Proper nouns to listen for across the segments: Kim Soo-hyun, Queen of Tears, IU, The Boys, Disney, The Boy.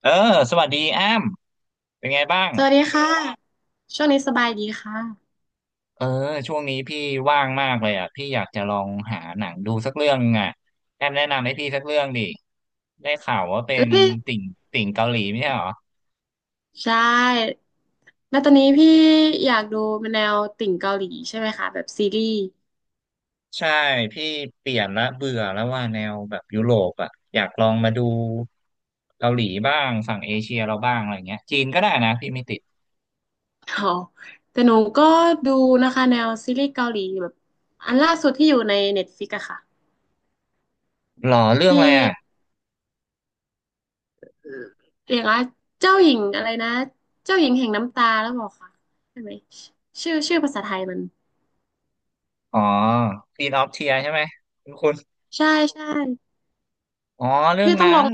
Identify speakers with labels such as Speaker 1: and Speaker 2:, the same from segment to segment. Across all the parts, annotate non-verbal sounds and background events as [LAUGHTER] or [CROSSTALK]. Speaker 1: เออสวัสดีแอมเป็นไงบ้าง
Speaker 2: สวัสดีค่ะช่วงนี้สบายดีค่ะ
Speaker 1: เออช่วงนี้พี่ว่างมากเลยอ่ะพี่อยากจะลองหาหนังดูสักเรื่องอ่ะแอมแนะนำให้พี่สักเรื่องดิได้ข่าวว่าเป็
Speaker 2: แล้
Speaker 1: น
Speaker 2: วพี่
Speaker 1: ติ่งติ่งเกาหลีไม่ใช่เหรอ
Speaker 2: ใช่แล้วตอนนี้พี่อยากดูแนวติ่งเกาหลีใช่ไหมคะแบบซีรีส์
Speaker 1: ใช่พี่เปลี่ยนละเบื่อแล้วว่าแนวแบบยุโรปอ่ะอยากลองมาดูเกาหลีบ้างฝั่งเอเชียเราบ้างอะไรเงี้ยจีนก็ได้นะพี่ไม่ติด
Speaker 2: อ๋อแต่หนูก็ดูนะคะแนวซีรีส์เกาหลีแบบอันล่าสุดที่อยู่ในเน็ตฟ i ิกอะค่ะ
Speaker 1: หรอเรื่อง
Speaker 2: พี่
Speaker 1: อะไรอ่ะ
Speaker 2: เรียกว่าเจ้าหญิงอะไรนะเจ้าหญิงแห่งน้ำตาแล้วบอกค่ะใช่ไหมชื่อชื่อภาษาไทยมัน
Speaker 1: อ๋อ Queen of Tears ใช่ไหมคุณ
Speaker 2: ใช่ใช่
Speaker 1: อ๋อเรื่อ
Speaker 2: พี่
Speaker 1: ง
Speaker 2: ต้องล
Speaker 1: นั้
Speaker 2: อง
Speaker 1: น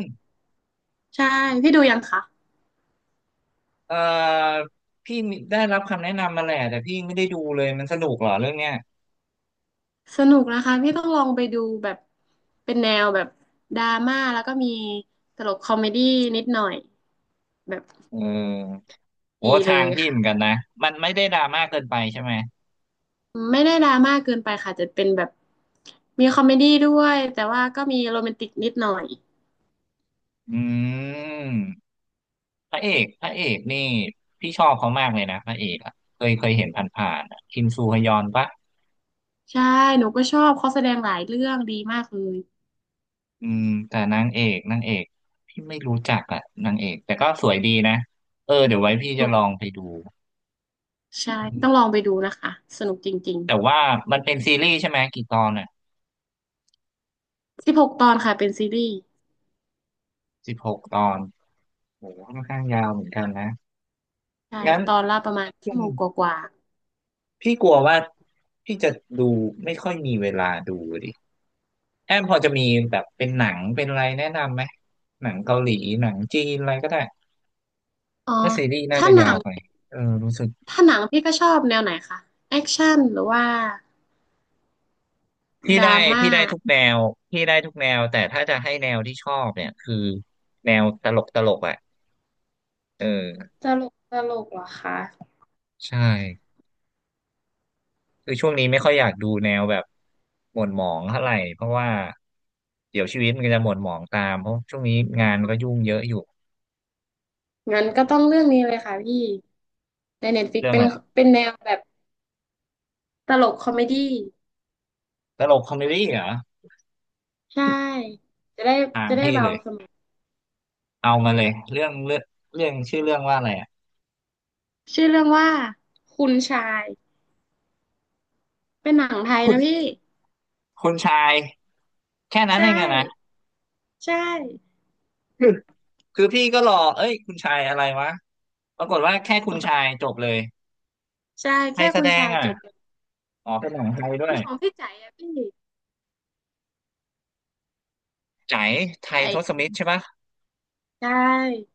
Speaker 2: ใช่พี่ดูยังคะ
Speaker 1: เอ่อพี่ได้รับคำแนะนำมาแหละแต่พี่ไม่ได้ดูเลยมันสนุกเหรอเรื่องเนี้ย
Speaker 2: สนุกนะคะพี่ต้องลองไปดูแบบเป็นแนวแบบดราม่าแล้วก็มีตลกคอมเมดี้นิดหน่อยแบบ
Speaker 1: เออโห
Speaker 2: ดีเล
Speaker 1: ทาง
Speaker 2: ย
Speaker 1: พี่เหมือนกั
Speaker 2: ค่ะ
Speaker 1: นนะมันไม่ได้ดราม่าเกินไปใช่ไหม
Speaker 2: ไม่ได้ดราม่าเกินไปค่ะจะเป็นแบบมีคอมเมดี้ด้วยแต่ว่าก็มีโรแมนติกนิดหน่อย
Speaker 1: อืมพระเอกนี่พี่ชอบเขามากเลยนะพระเอกอะเคยเห็นผ่านๆอะคิมซูฮยอนปะ
Speaker 2: ใช่หนูก็ชอบเขาแสดงหลายเรื่องดีมากเลย
Speaker 1: อืมแต่นางเอกพี่ไม่รู้จักอะนางเอกแต่ก็สวยดีนะเดี๋ยวไว้พี่จะลองไปดู
Speaker 2: ใช่
Speaker 1: อื
Speaker 2: ต้องล
Speaker 1: ม
Speaker 2: องไปดูนะคะสนุกจริง
Speaker 1: แต่ว่ามันเป็นซีรีส์ใช่ไหมกี่ตอนอะ
Speaker 2: ๆ16ตอนค่ะเป็นซีรีส์
Speaker 1: 16 ตอนโหค่อนข้างยาวเหมือนกันนะ
Speaker 2: ใช่
Speaker 1: งั้น
Speaker 2: ตอนละประมาณชั่วโมงกว่า
Speaker 1: พี่กลัวว่าพี่จะดูไม่ค่อยมีเวลาดูดิแอมพอจะมีแบบเป็นหนังเป็นอะไรแนะนำไหมหนังเกาหลีหนังจีนอะไรก็ได้
Speaker 2: ๆอ๋อ
Speaker 1: ถ้าซีรีส์น่า
Speaker 2: ถ้า
Speaker 1: จะ
Speaker 2: หนั
Speaker 1: ยาว
Speaker 2: ง
Speaker 1: ไปเออรู้สึก
Speaker 2: ถ้าหนังพี่ก็ชอบแนวไหนคะแอคชั่นหรือว่า
Speaker 1: พี่
Speaker 2: ด
Speaker 1: ได้
Speaker 2: ราม่า
Speaker 1: พี่ได้ทุกแนวพี่ได้ทุกแนวแต่ถ้าจะให้แนวที่ชอบเนี่ยคือแนวตลกอ่ะเออ
Speaker 2: จะ
Speaker 1: ใช่คือช่วงนี้ไม่ค่อยอยากดูแนวแบบหม่นหมองเท่าไหร่เพราะว่าเดี๋ยวชีวิตมันก็จะหม่นหมองตามเพราะช่วงนี้งานก็ยุ่งเยอะอยู่
Speaker 2: งั้น
Speaker 1: อื
Speaker 2: ก็ต้อง
Speaker 1: ม
Speaker 2: เรื่องนี้เลยค่ะพี่ในเน็ตฟิก
Speaker 1: เรื่อง
Speaker 2: เป็น
Speaker 1: อะไร
Speaker 2: เป็นแนวแบบตลกคอมเมดี้
Speaker 1: ตลกคอมเมดี้เหรอ
Speaker 2: ใช่จะได้
Speaker 1: ถาม
Speaker 2: จะได้
Speaker 1: พี่
Speaker 2: เบา
Speaker 1: เลย
Speaker 2: สมอง
Speaker 1: เอามาเลยเรื่องเรื่องชื่อเรื่องว่าอะไรอ่ะ
Speaker 2: ชื่อเรื่องว่าคุณชายเป็นหนังไทย
Speaker 1: คุณ
Speaker 2: นะพี่
Speaker 1: คุณชายแค่นั้น
Speaker 2: ใช่
Speaker 1: เองอะนะ
Speaker 2: ใช่
Speaker 1: คือคือพี่ก็รอเอ้ยคุณชายอะไรวะปรากฏว่าแค่คุณชายจบเลย
Speaker 2: ใช่
Speaker 1: ใคร
Speaker 2: แค่
Speaker 1: แส
Speaker 2: คุณ
Speaker 1: ดง
Speaker 2: ชาย
Speaker 1: อ่ะ
Speaker 2: จบเลย
Speaker 1: อ๋อเป็นหนังไทยด้วย
Speaker 2: ของพี่ใจอะพี่
Speaker 1: ใจายไทย
Speaker 2: ไอ้
Speaker 1: ทศมิตรใช่ปะ
Speaker 2: ใช่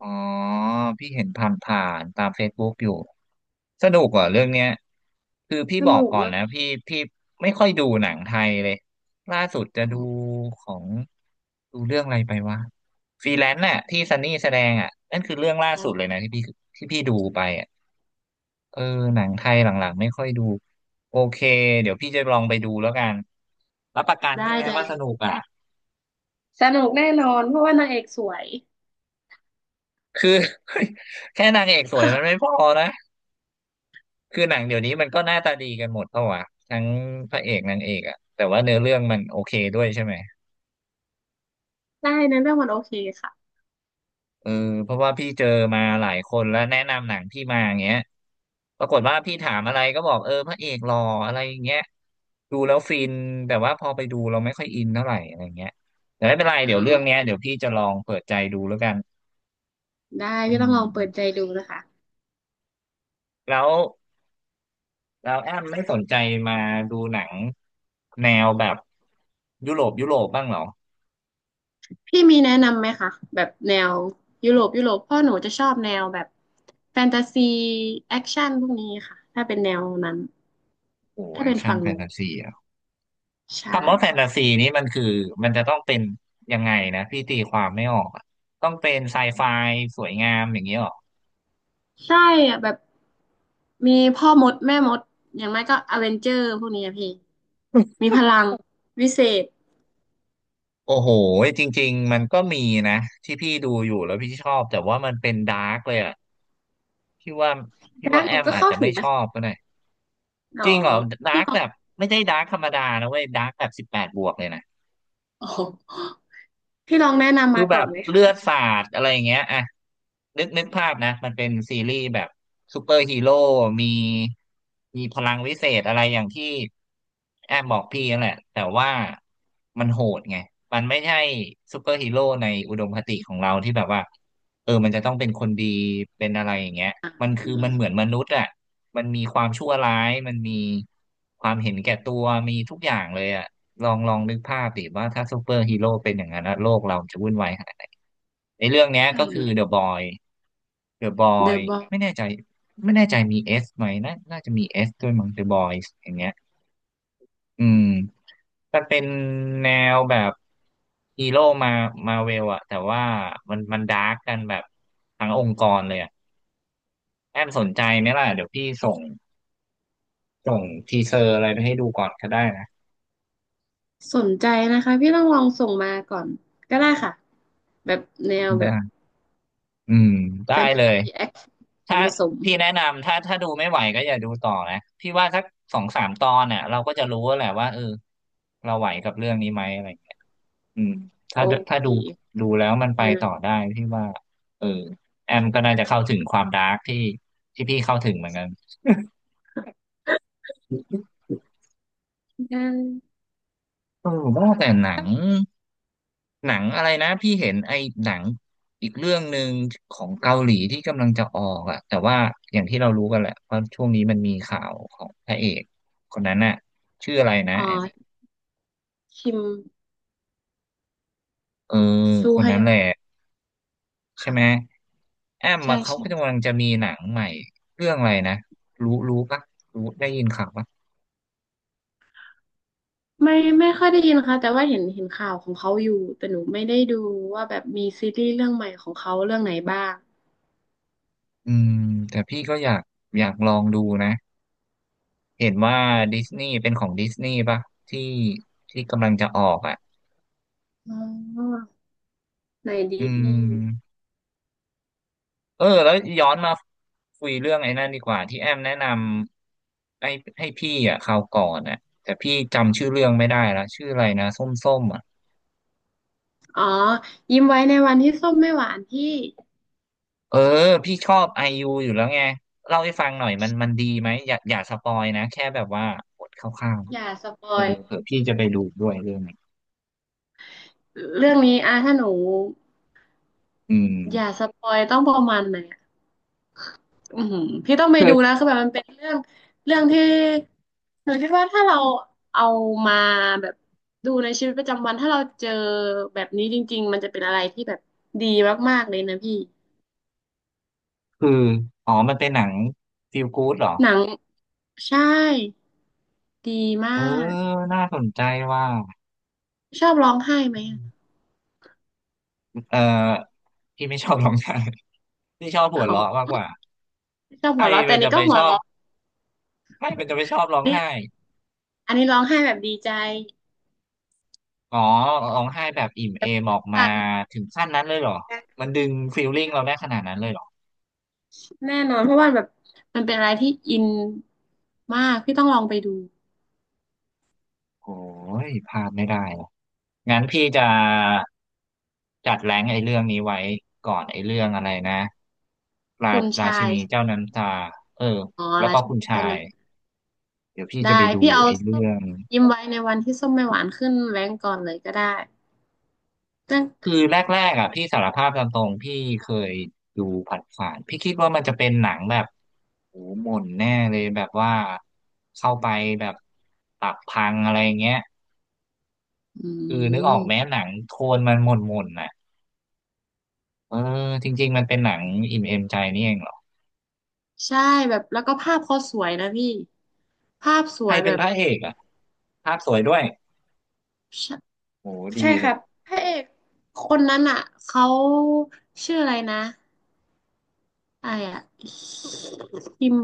Speaker 1: อ๋อพี่เห็นผ่านๆตาม Facebook อยู่สนุกเหรอ่ะเรื่องเนี้ยคือพี่
Speaker 2: ส
Speaker 1: บอก
Speaker 2: นุก
Speaker 1: ก่อน
Speaker 2: มาก
Speaker 1: นะ
Speaker 2: พี่
Speaker 1: พี่ไม่ค่อยดูหนังไทยเลยล่าสุดจะดูของดูเรื่องอะไรไปวะฟรีแลนซ์น่ะที่ซันนี่แสดงอ่ะนั่นคือเรื่องล่า
Speaker 2: อ๋อ
Speaker 1: สุดเลยนะที่พี่ดูไปอ่ะเออหนังไทยหลังๆไม่ค่อยดูโอเคเดี๋ยวพี่จะลองไปดูแล้วกันรับประกัน
Speaker 2: ได้
Speaker 1: ใช่ไหม
Speaker 2: เล
Speaker 1: ว่าสนุ
Speaker 2: ย
Speaker 1: กอ่ะ
Speaker 2: สนุกแน่นอนเพราะว่านางเอกสวย
Speaker 1: คือ [LAUGHS] แค่นางเอกสวยมันไม่พอนะ คือหนังเดี๋ยวนี้มันก็หน้าตาดีกันหมดเปล่าะวะทั้งพระเอกนางเอกอะแต่ว่าเนื้อเรื่องมันโอเคด้วยใช่ไหม
Speaker 2: ได้นะเรื่องมันโอเคค่ะ
Speaker 1: เออเพราะว่าพี่เจอมาหลายคนแล้วแนะนำหนังพี่มาอย่างเงี้ยปรากฏว่าพี่ถามอะไรก็บอกเออพระเอกหล่ออะไรอย่างเงี้ยดูแล้วฟินแต่ว่าพอไปดูเราไม่ค่อยอินเท่าไหร่อะไรเงี้ยแต่ไม่เป็นไร
Speaker 2: อ๋
Speaker 1: เดี๋ยวเรื่องเนี้ย
Speaker 2: อ
Speaker 1: เดี๋ยวพี่จะลองเปิดใจดูแล้วกัน
Speaker 2: ได้
Speaker 1: อื
Speaker 2: พี่ต้องลองเปิดใจ
Speaker 1: ม
Speaker 2: ดูนะคะ
Speaker 1: แล้วแล้วแอมไม่สนใจมาดูหนังแนวแบบยุโรปบ้างเหรอ
Speaker 2: พี่มีแนะนำไหมคะแบบแนวยุโรปยุโรปเพ่อหนูจะชอบแนวแบบแฟนตาซีแอคชั่นพวกนี้ค่ะถ้าเป็นแนวนั้น
Speaker 1: โอ้
Speaker 2: ถ้า
Speaker 1: แอ
Speaker 2: เป็
Speaker 1: ค
Speaker 2: น
Speaker 1: ชั่น
Speaker 2: ฝั่ง
Speaker 1: แฟ
Speaker 2: หนู
Speaker 1: นตาซี
Speaker 2: ใช่
Speaker 1: คำว่าแฟนตาซีนี่มันคือมันจะต้องเป็นยังไงนะพี่ตีความไม่ออกอะต้องเป็นไซไฟสวยงามอย่างนี้หรอ
Speaker 2: ใช่อะแบบมีพ่อมดแม่มดอย่างไม่ก็อเวนเจอร์พวกนี้อะพี่มีพลังวิเศษ
Speaker 1: โอ้โหจริงๆมันก็มีนะที่พี่ดูอยู่แล้วพี่ชอบแต่ว่ามันเป็นดาร์กเลยอะพี่ว่าพี่
Speaker 2: ดั
Speaker 1: ว่า
Speaker 2: ก
Speaker 1: แอ
Speaker 2: หนู
Speaker 1: ม
Speaker 2: ก็
Speaker 1: อาจ
Speaker 2: เข้า
Speaker 1: จะ
Speaker 2: ถึ
Speaker 1: ไม่
Speaker 2: ง
Speaker 1: ช
Speaker 2: นะ
Speaker 1: อ
Speaker 2: คะ
Speaker 1: บก็ได้
Speaker 2: อ๋
Speaker 1: จ
Speaker 2: อ
Speaker 1: ริงเหรอดาร์กแบบไม่ใช่ดาร์กธรรมดานะเว้ยดาร์กแบบ18+เลยนะ
Speaker 2: อ๋อพี่ลองแนะนำ
Speaker 1: คือ
Speaker 2: มา
Speaker 1: แบ
Speaker 2: ก่อ
Speaker 1: บ
Speaker 2: นไหม
Speaker 1: เลื
Speaker 2: คะ
Speaker 1: อดสาดอะไรอย่างเงี้ยอ่ะนึกภาพนะมันเป็นซีรีส์แบบซูเปอร์ฮีโร่มีมีพลังวิเศษอะไรอย่างที่แอมบอกพี่นั่นแหละแต่ว่ามันโหดไงมันไม่ใช่ซูเปอร์ฮีโร่ในอุดมคติของเราที่แบบว่าเออมันจะต้องเป็นคนดีเป็นอะไรอย่างเงี้ยมันคือมันเหมือ
Speaker 2: อ่า
Speaker 1: นมนุษย์อ่ะมันมีความชั่วร้ายมันมีความเห็นแก่ตัวมีทุกอย่างเลยอ่ะ ลองนึกภาพดิว่าถ้าซูเปอร์ฮีโร่เป็นอย่างนั้นนะโลกเราจะวุ่นวายขนาดไหนในเรื่องเนี้ย
Speaker 2: ได้
Speaker 1: ก็คื
Speaker 2: เล
Speaker 1: อ
Speaker 2: ย
Speaker 1: เดอะบอยเดอะบอย
Speaker 2: The Boy
Speaker 1: ไม่แน่ใจไม่แน่ใจมีเอสไหมน่าจะมีเอสด้วยมั้งเดอะบอยอย่างเงี้ยอืมมันเป็นแนวแบบฮีโร่มาเวลอะแต่ว่ามันดาร์กกันแบบทั้งองค์กรเลยอะแอมสนใจไหมล่ะเดี๋ยวพี่ส่งทีเซอร์อะไรไปให้ดูก่อนก็ได้นะ
Speaker 2: สนใจนะคะพี่ต้องลองส่งมาก่อนก็ได้ค่ะแบบแนวแบบ
Speaker 1: ได้อืมได้
Speaker 2: แฟนตา
Speaker 1: เลย
Speaker 2: ซีแอคชั่น
Speaker 1: ถ้า
Speaker 2: ผสมม
Speaker 1: พี่แนะนำถ้าดูไม่ไหวก็อย่าดูต่อนะพี่ว่าสักสองสามตอนเนี่ยเราก็จะรู้แวแหละว่าเออเราไหวกับเรื่องนี้ไหมอะไรอย่างเงี้ยอืม
Speaker 2: โอ
Speaker 1: ถ้าถ้า
Speaker 2: เค
Speaker 1: ดูแล้วมันไป
Speaker 2: ได้เล
Speaker 1: ต่อ
Speaker 2: ย
Speaker 1: ได้พี่ว่าเออแอมก็น่าจะเข้าถึงความดาร์กที่ที่พี่เข้าถึงเหมือนกัน
Speaker 2: ได้
Speaker 1: เออว่าแต่หนังอะไรนะพี่เห็นไอ้หนังอีกเรื่องหนึ่งของเกาหลีที่กำลังจะออกอะแต่ว่าอย่างที่เรารู้กันแหละว่าช่วงนี้มันมีข่าวของพระเอกคนนั้นน่ะชื่ออะไรนะ
Speaker 2: อ๋อ
Speaker 1: แอม
Speaker 2: คิม
Speaker 1: เออ
Speaker 2: ซู
Speaker 1: คน
Speaker 2: ฮ
Speaker 1: นั้
Speaker 2: ย
Speaker 1: น
Speaker 2: อ
Speaker 1: แห
Speaker 2: น
Speaker 1: ละใช่
Speaker 2: ค่ะ
Speaker 1: ไหมแอม
Speaker 2: ใช่
Speaker 1: มาเขา
Speaker 2: ใช่
Speaker 1: ก็กำลังจะมีหนังใหม่เรื่องอะไรนะรู้ปะรู้ได้ยินข่าวปะ
Speaker 2: ไม่ไม่ค่อยได้ยินค่ะแต่ว่าเห็นข่าวของเขาอยู่แต่หนูไม่ได้ดูว่าแบบมีซีรีส์เรื่องใหม่ของเขาเรื่องไหนบ้าง
Speaker 1: อืมแต่พี่ก็อยากลองดูนะเห็นว่าดิสนีย์เป็นของดิสนีย์ปะที่ที่กำลังจะออกอ่ะ
Speaker 2: อ๋อใน
Speaker 1: อื
Speaker 2: ดิสนีย์
Speaker 1: มเออแล้วย้อนมาคุยเรื่องไอ้นั่นดีกว่าที่แอมแนะนำให้พี่อ่ะคราวก่อนอ่ะแต่พี่จำชื่อเรื่องไม่ได้แล้วชื่ออะไรนะส้มๆอ่ะ
Speaker 2: อ๋อยิ้มไว้ในวันที่ส้มไม่หวานที่
Speaker 1: เออพี่ชอบไอยูอยู่แล้วไงเล่าให้ฟังหน่อยมันดีไหมอย่าสปอยนะแค่แบบว่าบทคร่าวๆนะ
Speaker 2: อย่าสปอ
Speaker 1: เออ
Speaker 2: ย
Speaker 1: เผื่อพี่จะไปดูด้วยเรื่องนี้
Speaker 2: เรื่องนี้อ่ะถ้าหนู
Speaker 1: อื
Speaker 2: อย่าส
Speaker 1: ม
Speaker 2: ปอยต้องประมาณไหนอะอือหือพี่ต้องไป
Speaker 1: คื
Speaker 2: ดู
Speaker 1: อ
Speaker 2: นะคือแบบมันเป็นเรื่องเรื่องที่หนูคิดว่าถ้าเราเอามาแบบดูในชีวิตประจำวันถ้าเราเจอแบบนี้จริงๆมันจะเป็นอะไรที่แบบดีมากๆเลยนะพี่
Speaker 1: คืออ๋อมันเป็นหนังฟีลกู๊ดเหรอ
Speaker 2: หนังใช่ดีมา
Speaker 1: เออ
Speaker 2: ก
Speaker 1: น่าสนใจว่า
Speaker 2: ชอบร้องไห้ไหมอะ
Speaker 1: เออพี่ไม่ชอบร้องไห้พี่ชอบหั
Speaker 2: อ๋
Speaker 1: วเราะมาก
Speaker 2: อ
Speaker 1: กว่า
Speaker 2: ชอบ
Speaker 1: ใคร
Speaker 2: หัวเราะแต่
Speaker 1: มัน
Speaker 2: อัน
Speaker 1: จะ
Speaker 2: นี้
Speaker 1: ไป
Speaker 2: ก็หั
Speaker 1: ช
Speaker 2: ว
Speaker 1: อบ
Speaker 2: เราะ
Speaker 1: ใครมันจะไปชอบร้
Speaker 2: อั
Speaker 1: อ
Speaker 2: น
Speaker 1: ง
Speaker 2: นี้
Speaker 1: ไห้
Speaker 2: ร้องไห้แบบดีใจ
Speaker 1: อ๋อร้องไห้แบบอิ่มเอมออกมา
Speaker 2: สั่น
Speaker 1: ถึงขั้นนั้นเลยเหรอมันดึงฟีลลิ่งเราได้ขนาดนั้นเลยเหรอ
Speaker 2: แน่นอนเพราะว่าแบบมันเป็นอะไรที่อินมากพี่ต้องลองไปดู
Speaker 1: โอ้ยพลาดไม่ได้อะงั้นพี่จะจัดแรงค์ไอ้เรื่องนี้ไว้ก่อนไอ้เรื่องอะไรนะ
Speaker 2: คุณ
Speaker 1: รา
Speaker 2: ชา
Speaker 1: ชิ
Speaker 2: ย
Speaker 1: นี
Speaker 2: ใช่
Speaker 1: เจ้า
Speaker 2: ไหม
Speaker 1: น้ำตาเออ
Speaker 2: อ๋อ
Speaker 1: แล้ว
Speaker 2: รา
Speaker 1: ก็
Speaker 2: ชิ
Speaker 1: คุ
Speaker 2: นี
Speaker 1: ณ
Speaker 2: เจ้า
Speaker 1: ชา
Speaker 2: น้
Speaker 1: ยเดี๋ยวพี่
Speaker 2: ำ
Speaker 1: จะไป
Speaker 2: ได้
Speaker 1: ดู
Speaker 2: พี่เอา
Speaker 1: ไอ้
Speaker 2: ส้
Speaker 1: เรื่
Speaker 2: ม
Speaker 1: อง
Speaker 2: ยิ้มไว้ในวันที่ส้มไม่หวานขึ้นแรงกก่อนเลยก็ได้ตั้ง
Speaker 1: คือแรกๆอ่ะพี่สารภาพตามตรงพี่เคยดูผ่านๆพี่คิดว่ามันจะเป็นหนังแบบโอ้โหหม่นแน่เลยแบบว่าเข้าไปแบบตับพังอะไรเงี้ย
Speaker 2: อื
Speaker 1: คือนึกออกแม้
Speaker 2: ม
Speaker 1: หนังโทนมันหม่นๆน่ะ เออจริงๆมันเป็นหนังอิ่มเอมใจนี่เองเหรอ
Speaker 2: ใช่แบบแล้วก็ภาพเขาสวยนะพี่ภาพส
Speaker 1: ใค
Speaker 2: ว
Speaker 1: ร
Speaker 2: ยแบ
Speaker 1: เป็น
Speaker 2: บ
Speaker 1: พระเอกอ่ะภาพสวยด้วย
Speaker 2: ใช่
Speaker 1: โหดี
Speaker 2: ใช่ค
Speaker 1: เลย
Speaker 2: รับพระเอกคนนั้นอ่ะเขาชื่ออะไรนะไอ้อะคิม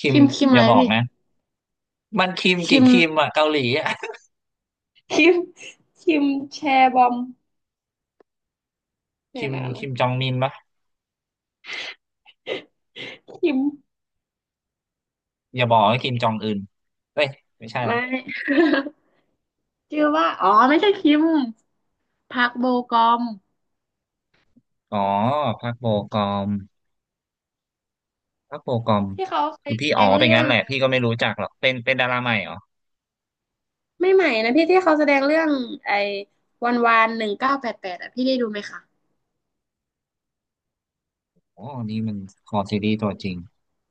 Speaker 1: คิม
Speaker 2: คิมคิม
Speaker 1: อ
Speaker 2: อะ
Speaker 1: ย่า
Speaker 2: ไร
Speaker 1: บอก
Speaker 2: พี่
Speaker 1: นะมันคิม
Speaker 2: คิ
Speaker 1: กี่
Speaker 2: ม
Speaker 1: คิมอ่ะเกาหลีอ่ะ
Speaker 2: คิมคิมแชร์บอมเนี่
Speaker 1: คิ
Speaker 2: ย
Speaker 1: ม
Speaker 2: นะ
Speaker 1: คิ
Speaker 2: นะ
Speaker 1: มจองมินปะ
Speaker 2: คิม
Speaker 1: อย่าบอกว่าคิมจองอึนเฮ้ยไม่ใช่ล
Speaker 2: ไม่
Speaker 1: ะ
Speaker 2: [LAUGHS] ชื่อว่าอ๋อไม่ใช่คิม พักโบกอม
Speaker 1: อ๋อพักโบกอมพักโบกอม
Speaker 2: ที่เขาเค
Speaker 1: คื
Speaker 2: ย
Speaker 1: อ
Speaker 2: แส
Speaker 1: พี่
Speaker 2: ด
Speaker 1: อ๋อ
Speaker 2: ง
Speaker 1: เป็น
Speaker 2: เรื่อ
Speaker 1: งั้น
Speaker 2: ง
Speaker 1: แหละพี่ก็
Speaker 2: ไ
Speaker 1: ไม่รู้จักหรอกเป็นดาราใหม่เหรอ
Speaker 2: ม่ใหม่นะพี่ที่เขาแสดงเรื่องไอ้วันวาน1988อ่ะพี่ได้ดูไหมคะ
Speaker 1: โอ้นี่มันคอซีรีส์ตัวจริง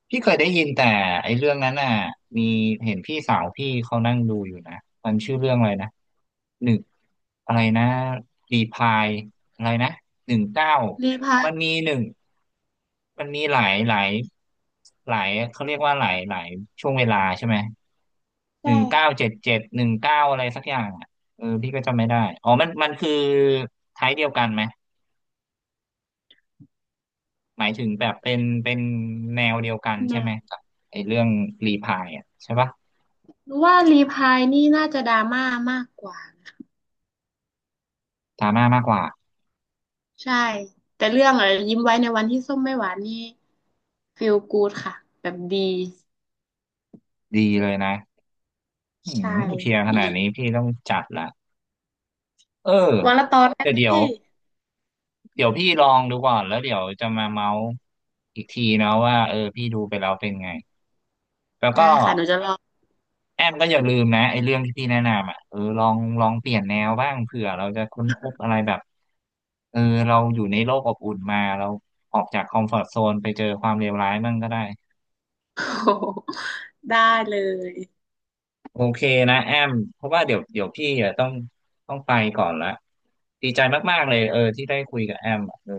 Speaker 1: พี่เคยได้ยินแต่ไอ้เรื่องนั้นน่ะมีเห็นพี่สาวพี่เขานั่งดูอยู่นะมันชื่อเรื่องอะไรนะหนึ่งอะไรนะรีพายอะไรนะหนึ่งเก้า
Speaker 2: รีพาย
Speaker 1: มันมีหนึ่งมันมีหลายหลายหลายเขาเรียกว่าหลายหลายช่วงเวลาใช่ไหมห
Speaker 2: ใช่
Speaker 1: นึ่งเก้าเจ็ด
Speaker 2: ค่ะ
Speaker 1: เจ็ดหนึ่งเก้าอะไรสักอย่างอ่ะเออพี่ก็จำไม่ได้อ๋อมันมันคือไทยเดียวกันไหม หมายถึงแบบเป็นแนวเดียวกัน
Speaker 2: แน
Speaker 1: ใช่ไหม
Speaker 2: ว
Speaker 1: กับไอ้เรื่องรีพายอ่ะใช่ปะ
Speaker 2: หรือว่ารีพายนี่น่าจะดราม่ามากกว่านะ
Speaker 1: ดราม่ามากกว่า
Speaker 2: ใช่แต่เรื่องอะยิ้มไว้ในวันที่ส้มไม่หวานนี่ฟีลกู o ดค่ะแบบดี
Speaker 1: ดีเลยนะอื
Speaker 2: ใช่
Speaker 1: มเพียร์ข
Speaker 2: ดี
Speaker 1: นาดนี้พี่ต้องจัดละเออ
Speaker 2: วันละตอนน
Speaker 1: แต่
Speaker 2: ม
Speaker 1: เดี๋ยว
Speaker 2: พี่
Speaker 1: เดี๋ยวพี่ลองดูก่อนแล้วเดี๋ยวจะมาเมาส์อีกทีนะว่าเออพี่ดูไปแล้วเป็นไงแล้ว
Speaker 2: ได้
Speaker 1: ก็
Speaker 2: ค่ะหนูจะลอง
Speaker 1: แอมก็อย่าลืมนะไอ้เรื่องที่พี่แนะนำอ่ะเออลองเปลี่ยนแนวบ้างเผื่อเราจะค้นพบอะไรแบบเออเราอยู่ในโลกอบอุ่นมาเราออกจากคอมฟอร์ z โซนไปเจอความเลวร้ายมั่งก็ได้
Speaker 2: [LAUGHS] โอ้โหได้เลย
Speaker 1: โอเคนะแอมเพราะว่าเดี๋ยวพี่อะต้องไปก่อนละดีใจมากๆเลยเออที่ได้คุยกับแอมอะเออ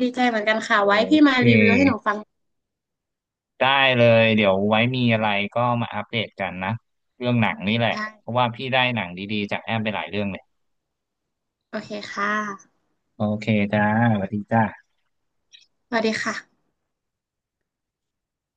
Speaker 2: ดีใจเหมือนกันค่ะ
Speaker 1: โอ
Speaker 2: ไว้พี่
Speaker 1: เค
Speaker 2: มารีวิวให้หนูฟัง
Speaker 1: ได้เลยเดี๋ยวไว้มีอะไรก็มาอัปเดตกันนะเรื่องหนังนี่แหละ
Speaker 2: ได้
Speaker 1: เพราะว่าพี่ได้หนังดีๆจากแอมไปหลายเรื่องเลย
Speaker 2: โอเคค่ะ
Speaker 1: โอเคจ้าสวัสดีจ้า
Speaker 2: สวัสดีค่ะ